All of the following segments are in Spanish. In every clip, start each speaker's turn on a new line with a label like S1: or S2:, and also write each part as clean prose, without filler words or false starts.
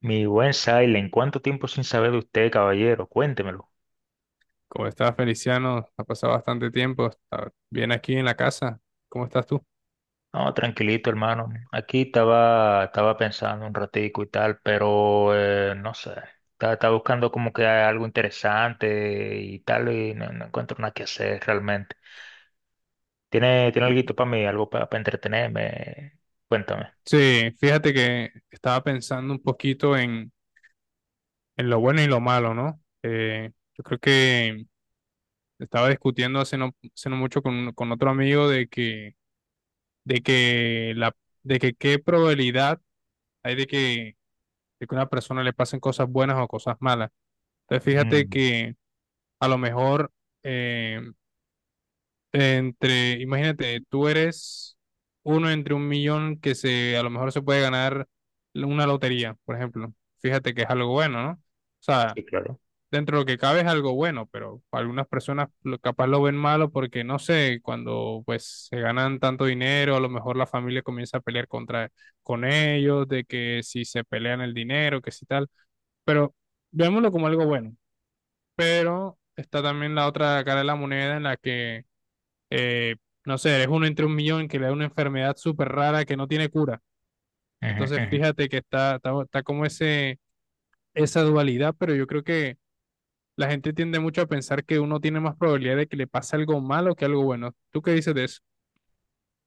S1: Mi buen Silent, ¿cuánto tiempo sin saber de usted, caballero? Cuéntemelo.
S2: ¿Cómo estás, Feliciano? Ha pasado bastante tiempo. ¿Está bien aquí en la casa? ¿Cómo estás tú?
S1: No, tranquilito, hermano. Aquí estaba pensando un ratico y tal, pero no sé. Estaba buscando como que algo interesante y tal, y no, no encuentro nada que hacer realmente. ¿Tiene algo
S2: Bien.
S1: para mí, algo para entretenerme? Cuéntame.
S2: Sí, fíjate que estaba pensando un poquito en lo bueno y lo malo, ¿no? Yo creo que estaba discutiendo hace no mucho con otro amigo de que, de que la, de que qué probabilidad hay de que a una persona le pasen cosas buenas o cosas malas. Entonces, fíjate
S1: Ujú.
S2: que a lo mejor eh, imagínate, tú eres uno entre un millón que se, a lo mejor se puede ganar una lotería, por ejemplo. Fíjate que es algo bueno, ¿no? O sea,
S1: Sí, claro.
S2: dentro de lo que cabe es algo bueno, pero algunas personas capaz lo ven malo porque, no sé, cuando pues se ganan tanto dinero, a lo mejor la familia comienza a pelear contra, con ellos, de que si se pelean el dinero, que si tal, pero veámoslo como algo bueno. Pero está también la otra cara de la moneda en la que eh, no sé, eres uno entre un millón que le da una enfermedad súper rara que no tiene cura.
S1: Ujú,
S2: Entonces,
S1: ujú.
S2: fíjate que está como ese, esa dualidad, pero yo creo que la gente tiende mucho a pensar que uno tiene más probabilidad de que le pase algo malo que algo bueno. ¿Tú qué dices de eso?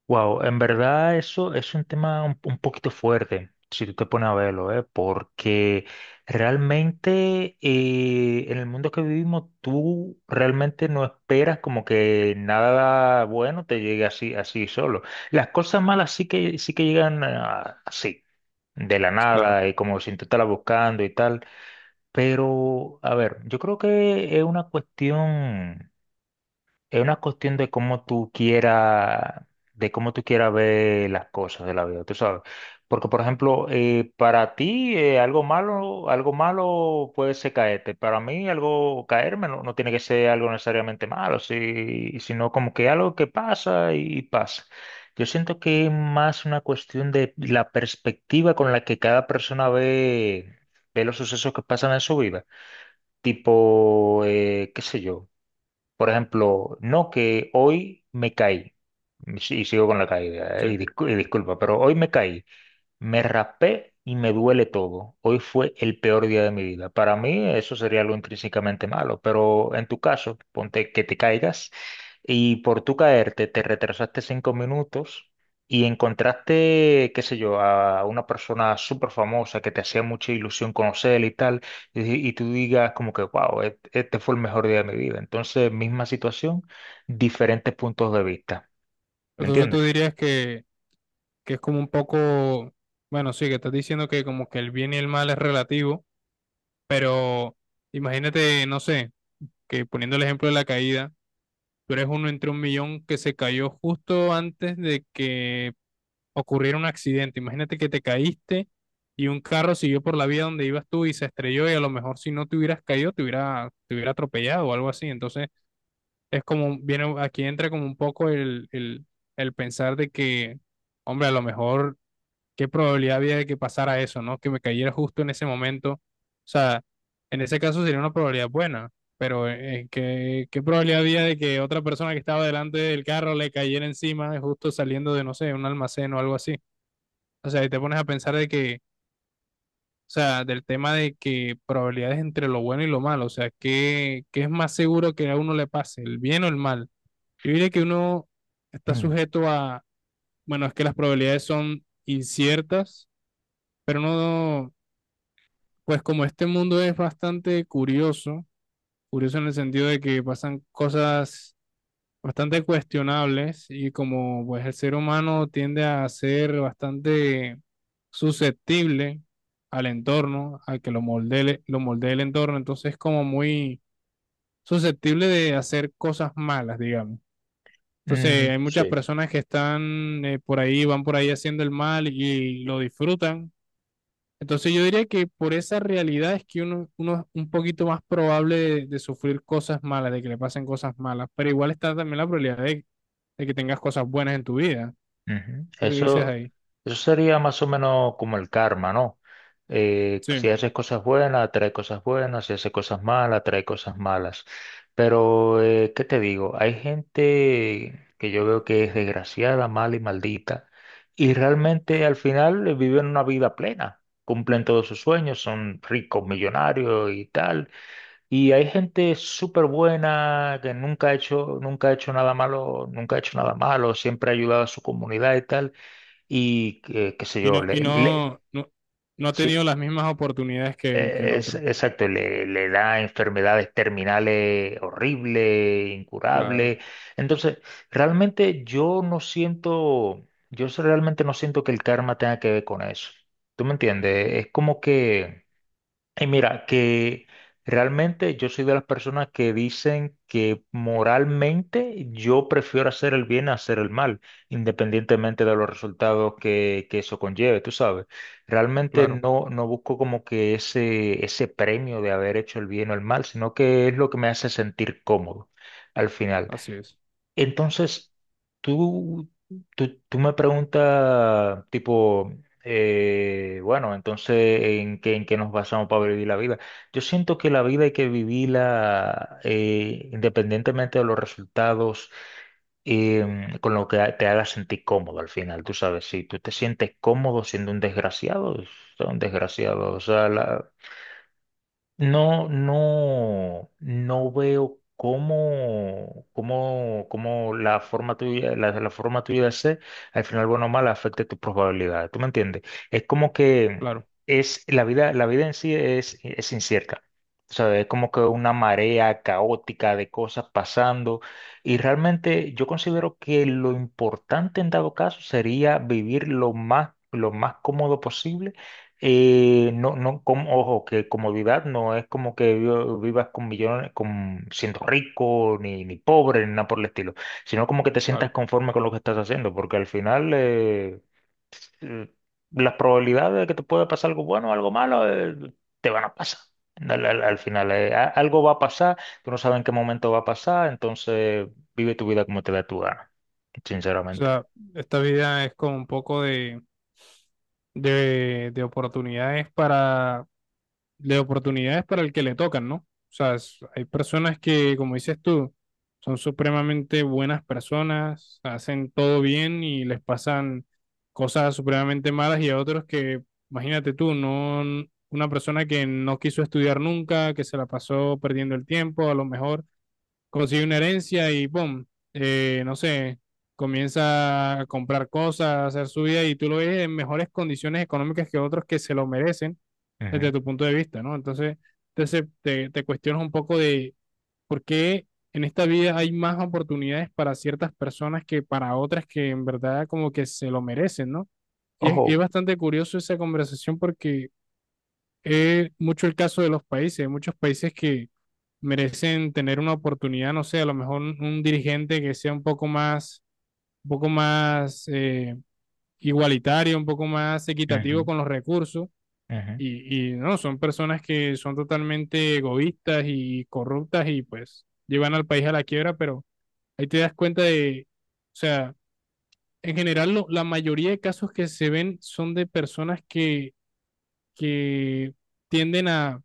S1: Wow, en verdad eso es un tema un poquito fuerte, si tú te pones a verlo, ¿eh? Porque realmente en el mundo que vivimos tú realmente no esperas como que nada bueno te llegue así, así solo. Las cosas malas sí que llegan así, de la
S2: Claro,
S1: nada y como sin tú estarla buscando y tal. Pero, a ver, yo creo que es una cuestión. Es una cuestión de cómo tú quieras, de cómo tú quieras ver las cosas de la vida, tú sabes. Porque, por ejemplo, para ti algo malo puede ser caerte. Para mí algo caerme no, no tiene que ser algo necesariamente malo, sino como que algo que pasa y pasa. Yo siento que es más una cuestión de la perspectiva con la que cada persona ve, ve los sucesos que pasan en su vida. Tipo, qué sé yo. Por ejemplo, no que hoy me caí, y sigo con la caída, y
S2: sí.
S1: y disculpa, pero hoy me caí. Me raspé y me duele todo. Hoy fue el peor día de mi vida. Para mí eso sería algo intrínsecamente malo, pero en tu caso, ponte que te caigas y por tu caerte te retrasaste 5 minutos y encontraste, qué sé yo, a una persona súper famosa que te hacía mucha ilusión conocer y tal, y tú digas como que, wow, este fue el mejor día de mi vida. Entonces, misma situación, diferentes puntos de vista. ¿Me
S2: Entonces tú
S1: entiendes?
S2: dirías que es como un poco, bueno, sí, que estás diciendo que como que el bien y el mal es relativo, pero imagínate, no sé, que poniendo el ejemplo de la caída, tú eres uno entre un millón que se cayó justo antes de que ocurriera un accidente. Imagínate que te caíste y un carro siguió por la vía donde ibas tú y se estrelló y a lo mejor si no te hubieras caído te hubiera atropellado o algo así. Entonces es como, viene, aquí entra como un poco el pensar de que, hombre, a lo mejor ¿qué probabilidad había de que pasara eso, ¿no? Que me cayera justo en ese momento. O sea, en ese caso sería una probabilidad buena, pero ¿qué probabilidad había de que otra persona que estaba delante del carro le cayera encima justo saliendo de, no sé, un almacén o algo así? O sea, y te pones a pensar de que, o sea, del tema de que probabilidades entre lo bueno y lo malo, o sea, ¿qué es más seguro que a uno le pase, el bien o el mal? Yo diría que uno está
S1: Mm.
S2: sujeto a, bueno, es que las probabilidades son inciertas, pero no pues como este mundo es bastante curioso, curioso en el sentido de que pasan cosas bastante cuestionables y como pues el ser humano tiende a ser bastante susceptible al entorno, al que lo moldee el entorno, entonces como muy susceptible de hacer cosas malas, digamos. Entonces
S1: Mm.
S2: hay muchas
S1: Sí.
S2: personas que están por ahí, van por ahí haciendo el mal y lo disfrutan entonces yo diría que por esa realidad es que uno es un poquito más probable de sufrir cosas malas, de que le pasen cosas malas, pero igual está también la probabilidad de que tengas cosas buenas en tu vida.
S1: Ujú.
S2: ¿Tú qué dices
S1: Eso,
S2: ahí?
S1: eso sería más o menos como el karma, ¿no? Si
S2: Sí.
S1: haces cosas buenas, atrae cosas buenas, si haces cosas malas, atrae cosas malas. Pero, ¿qué te digo? Hay gente que yo veo que es desgraciada, mala y maldita, y realmente al final viven una vida plena, cumplen todos sus sueños, son ricos, millonarios y tal y hay gente súper buena que nunca ha hecho, nunca ha hecho nada malo, nunca ha hecho nada malo, siempre ha ayudado a su comunidad y tal, y que, qué sé
S2: Y
S1: yo,
S2: no, y no, no, no ha
S1: sí,
S2: tenido las mismas oportunidades que el
S1: es,
S2: otro.
S1: exacto, le da enfermedades terminales horribles,
S2: Claro,
S1: incurables. Entonces, realmente yo no siento, yo realmente no siento que el karma tenga que ver con eso. ¿Tú me entiendes? Es como que. Y mira, que realmente yo soy de las personas que dicen que moralmente yo prefiero hacer el bien a hacer el mal, independientemente de los resultados que eso conlleve, tú sabes. Realmente
S2: claro,
S1: no, no busco como que ese premio de haber hecho el bien o el mal, sino que es lo que me hace sentir cómodo al final.
S2: así es.
S1: Entonces, tú, tú me preguntas, tipo, bueno, entonces, en qué nos basamos para vivir la vida? Yo siento que la vida hay que vivirla independientemente de los resultados, con lo que te haga sentir cómodo al final. Tú sabes, si tú te sientes cómodo siendo un desgraciado, sea un desgraciado. O sea, la- no, no, no veo cómo, cómo, cómo la forma tuya, la forma tuya de ser, al final, bueno o mal, afecte tu probabilidad. ¿Tú me entiendes? Es como que
S2: Claro,
S1: es la vida en sí es incierta. O sea, es como que una marea caótica de cosas pasando. Y realmente yo considero que lo importante en dado caso sería vivir lo más cómodo posible y no, no, com- ojo, que comodidad no es como que vivas con millones, con siendo rico, ni, ni pobre, ni nada por el estilo, sino como que te sientas
S2: claro.
S1: conforme con lo que estás haciendo, porque al final eh, las probabilidades de que te pueda pasar algo bueno o algo malo te van a pasar. Al, al- al final a- algo va a pasar, tú no sabes en qué momento va a pasar, entonces vive tu vida como te da tu gana,
S2: O
S1: sinceramente.
S2: sea, esta vida es como un poco de, de oportunidades para de oportunidades para el que le tocan, ¿no? O sea, hay personas que, como dices tú, son supremamente buenas personas, hacen todo bien y les pasan cosas supremamente malas y a otros que, imagínate tú, no, una persona que no quiso estudiar nunca, que se la pasó perdiendo el tiempo, a lo mejor consigue una herencia y ¡pum! No sé, comienza a comprar cosas, a hacer su vida y tú lo ves en mejores condiciones económicas que otros que se lo merecen desde
S1: Ujú.
S2: tu punto de vista, ¿no? Entonces te, te cuestionas un poco de por qué en esta vida hay más oportunidades para ciertas personas que para otras que en verdad como que se lo merecen, ¿no? Y es
S1: Ojo.
S2: bastante curioso esa conversación porque es mucho el caso de los países, hay muchos países que merecen tener una oportunidad, no sé, a lo mejor un dirigente que sea un poco más igualitario, un poco más equitativo con
S1: Ujú,
S2: los recursos
S1: ujú.
S2: y no, son personas que son totalmente egoístas y corruptas y pues llevan al país a la quiebra, pero ahí te das cuenta de, o sea, en general la mayoría de casos que se ven son de personas que tienden a,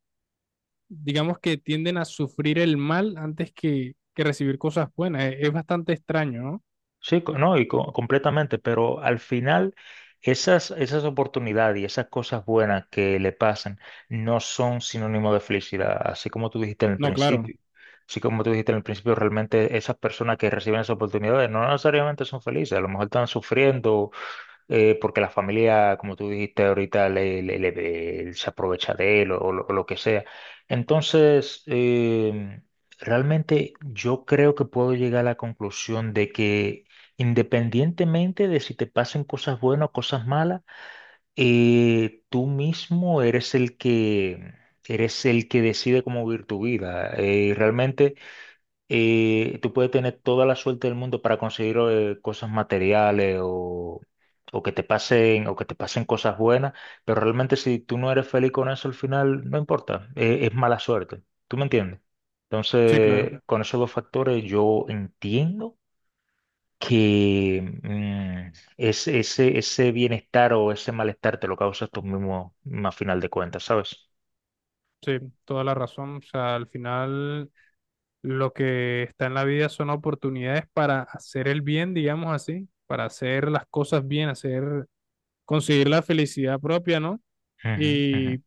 S2: digamos que tienden a sufrir el mal antes que recibir cosas buenas. Es bastante extraño, ¿no?
S1: Sí, no, y completamente, pero al final esas, esas oportunidades y esas cosas buenas que le pasan no son sinónimo de felicidad, así como tú dijiste en el
S2: No, claro,
S1: principio. Así como tú dijiste en el principio, realmente esas personas que reciben esas oportunidades no necesariamente son felices, a lo mejor están sufriendo porque la familia, como tú dijiste ahorita, se aprovecha de él o lo que sea. Entonces, realmente yo creo que puedo llegar a la conclusión de que independientemente de si te pasen cosas buenas o cosas malas, tú mismo eres el que decide cómo vivir tu vida. Realmente. Y tú puedes tener toda la suerte del mundo para conseguir cosas materiales o que te pasen, o que te pasen cosas buenas, pero realmente si tú no eres feliz con eso al final, no importa, es mala suerte. ¿Tú me entiendes?
S2: sí, claro,
S1: Entonces, con esos dos factores yo entiendo que es- ese bienestar o ese malestar te lo causas tú mismo a final de cuentas, ¿sabes?
S2: sí, toda la razón. O sea, al final lo que está en la vida son oportunidades para hacer el bien, digamos así, para hacer las cosas bien, hacer, conseguir la felicidad propia, ¿no?
S1: Ujú, ujú.
S2: Y,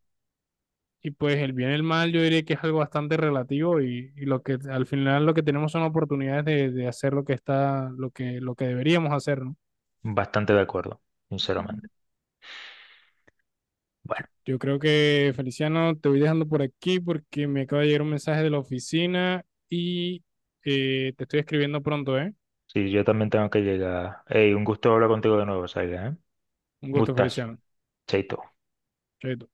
S2: y pues el bien y el mal yo diría que es algo bastante relativo y lo que al final lo que tenemos son oportunidades de hacer lo que está, lo que deberíamos hacer, ¿no?
S1: Bastante de acuerdo, sinceramente. Bueno.
S2: Yo creo que, Feliciano, te voy dejando por aquí porque me acaba de llegar un mensaje de la oficina y te estoy escribiendo pronto, ¿eh?
S1: Sí, yo también tengo que llegar. Ey, un gusto hablar contigo de nuevo, Saga, ¿eh?
S2: Un
S1: Un
S2: gusto,
S1: gustazo.
S2: Feliciano.
S1: Chaito.
S2: Chaito.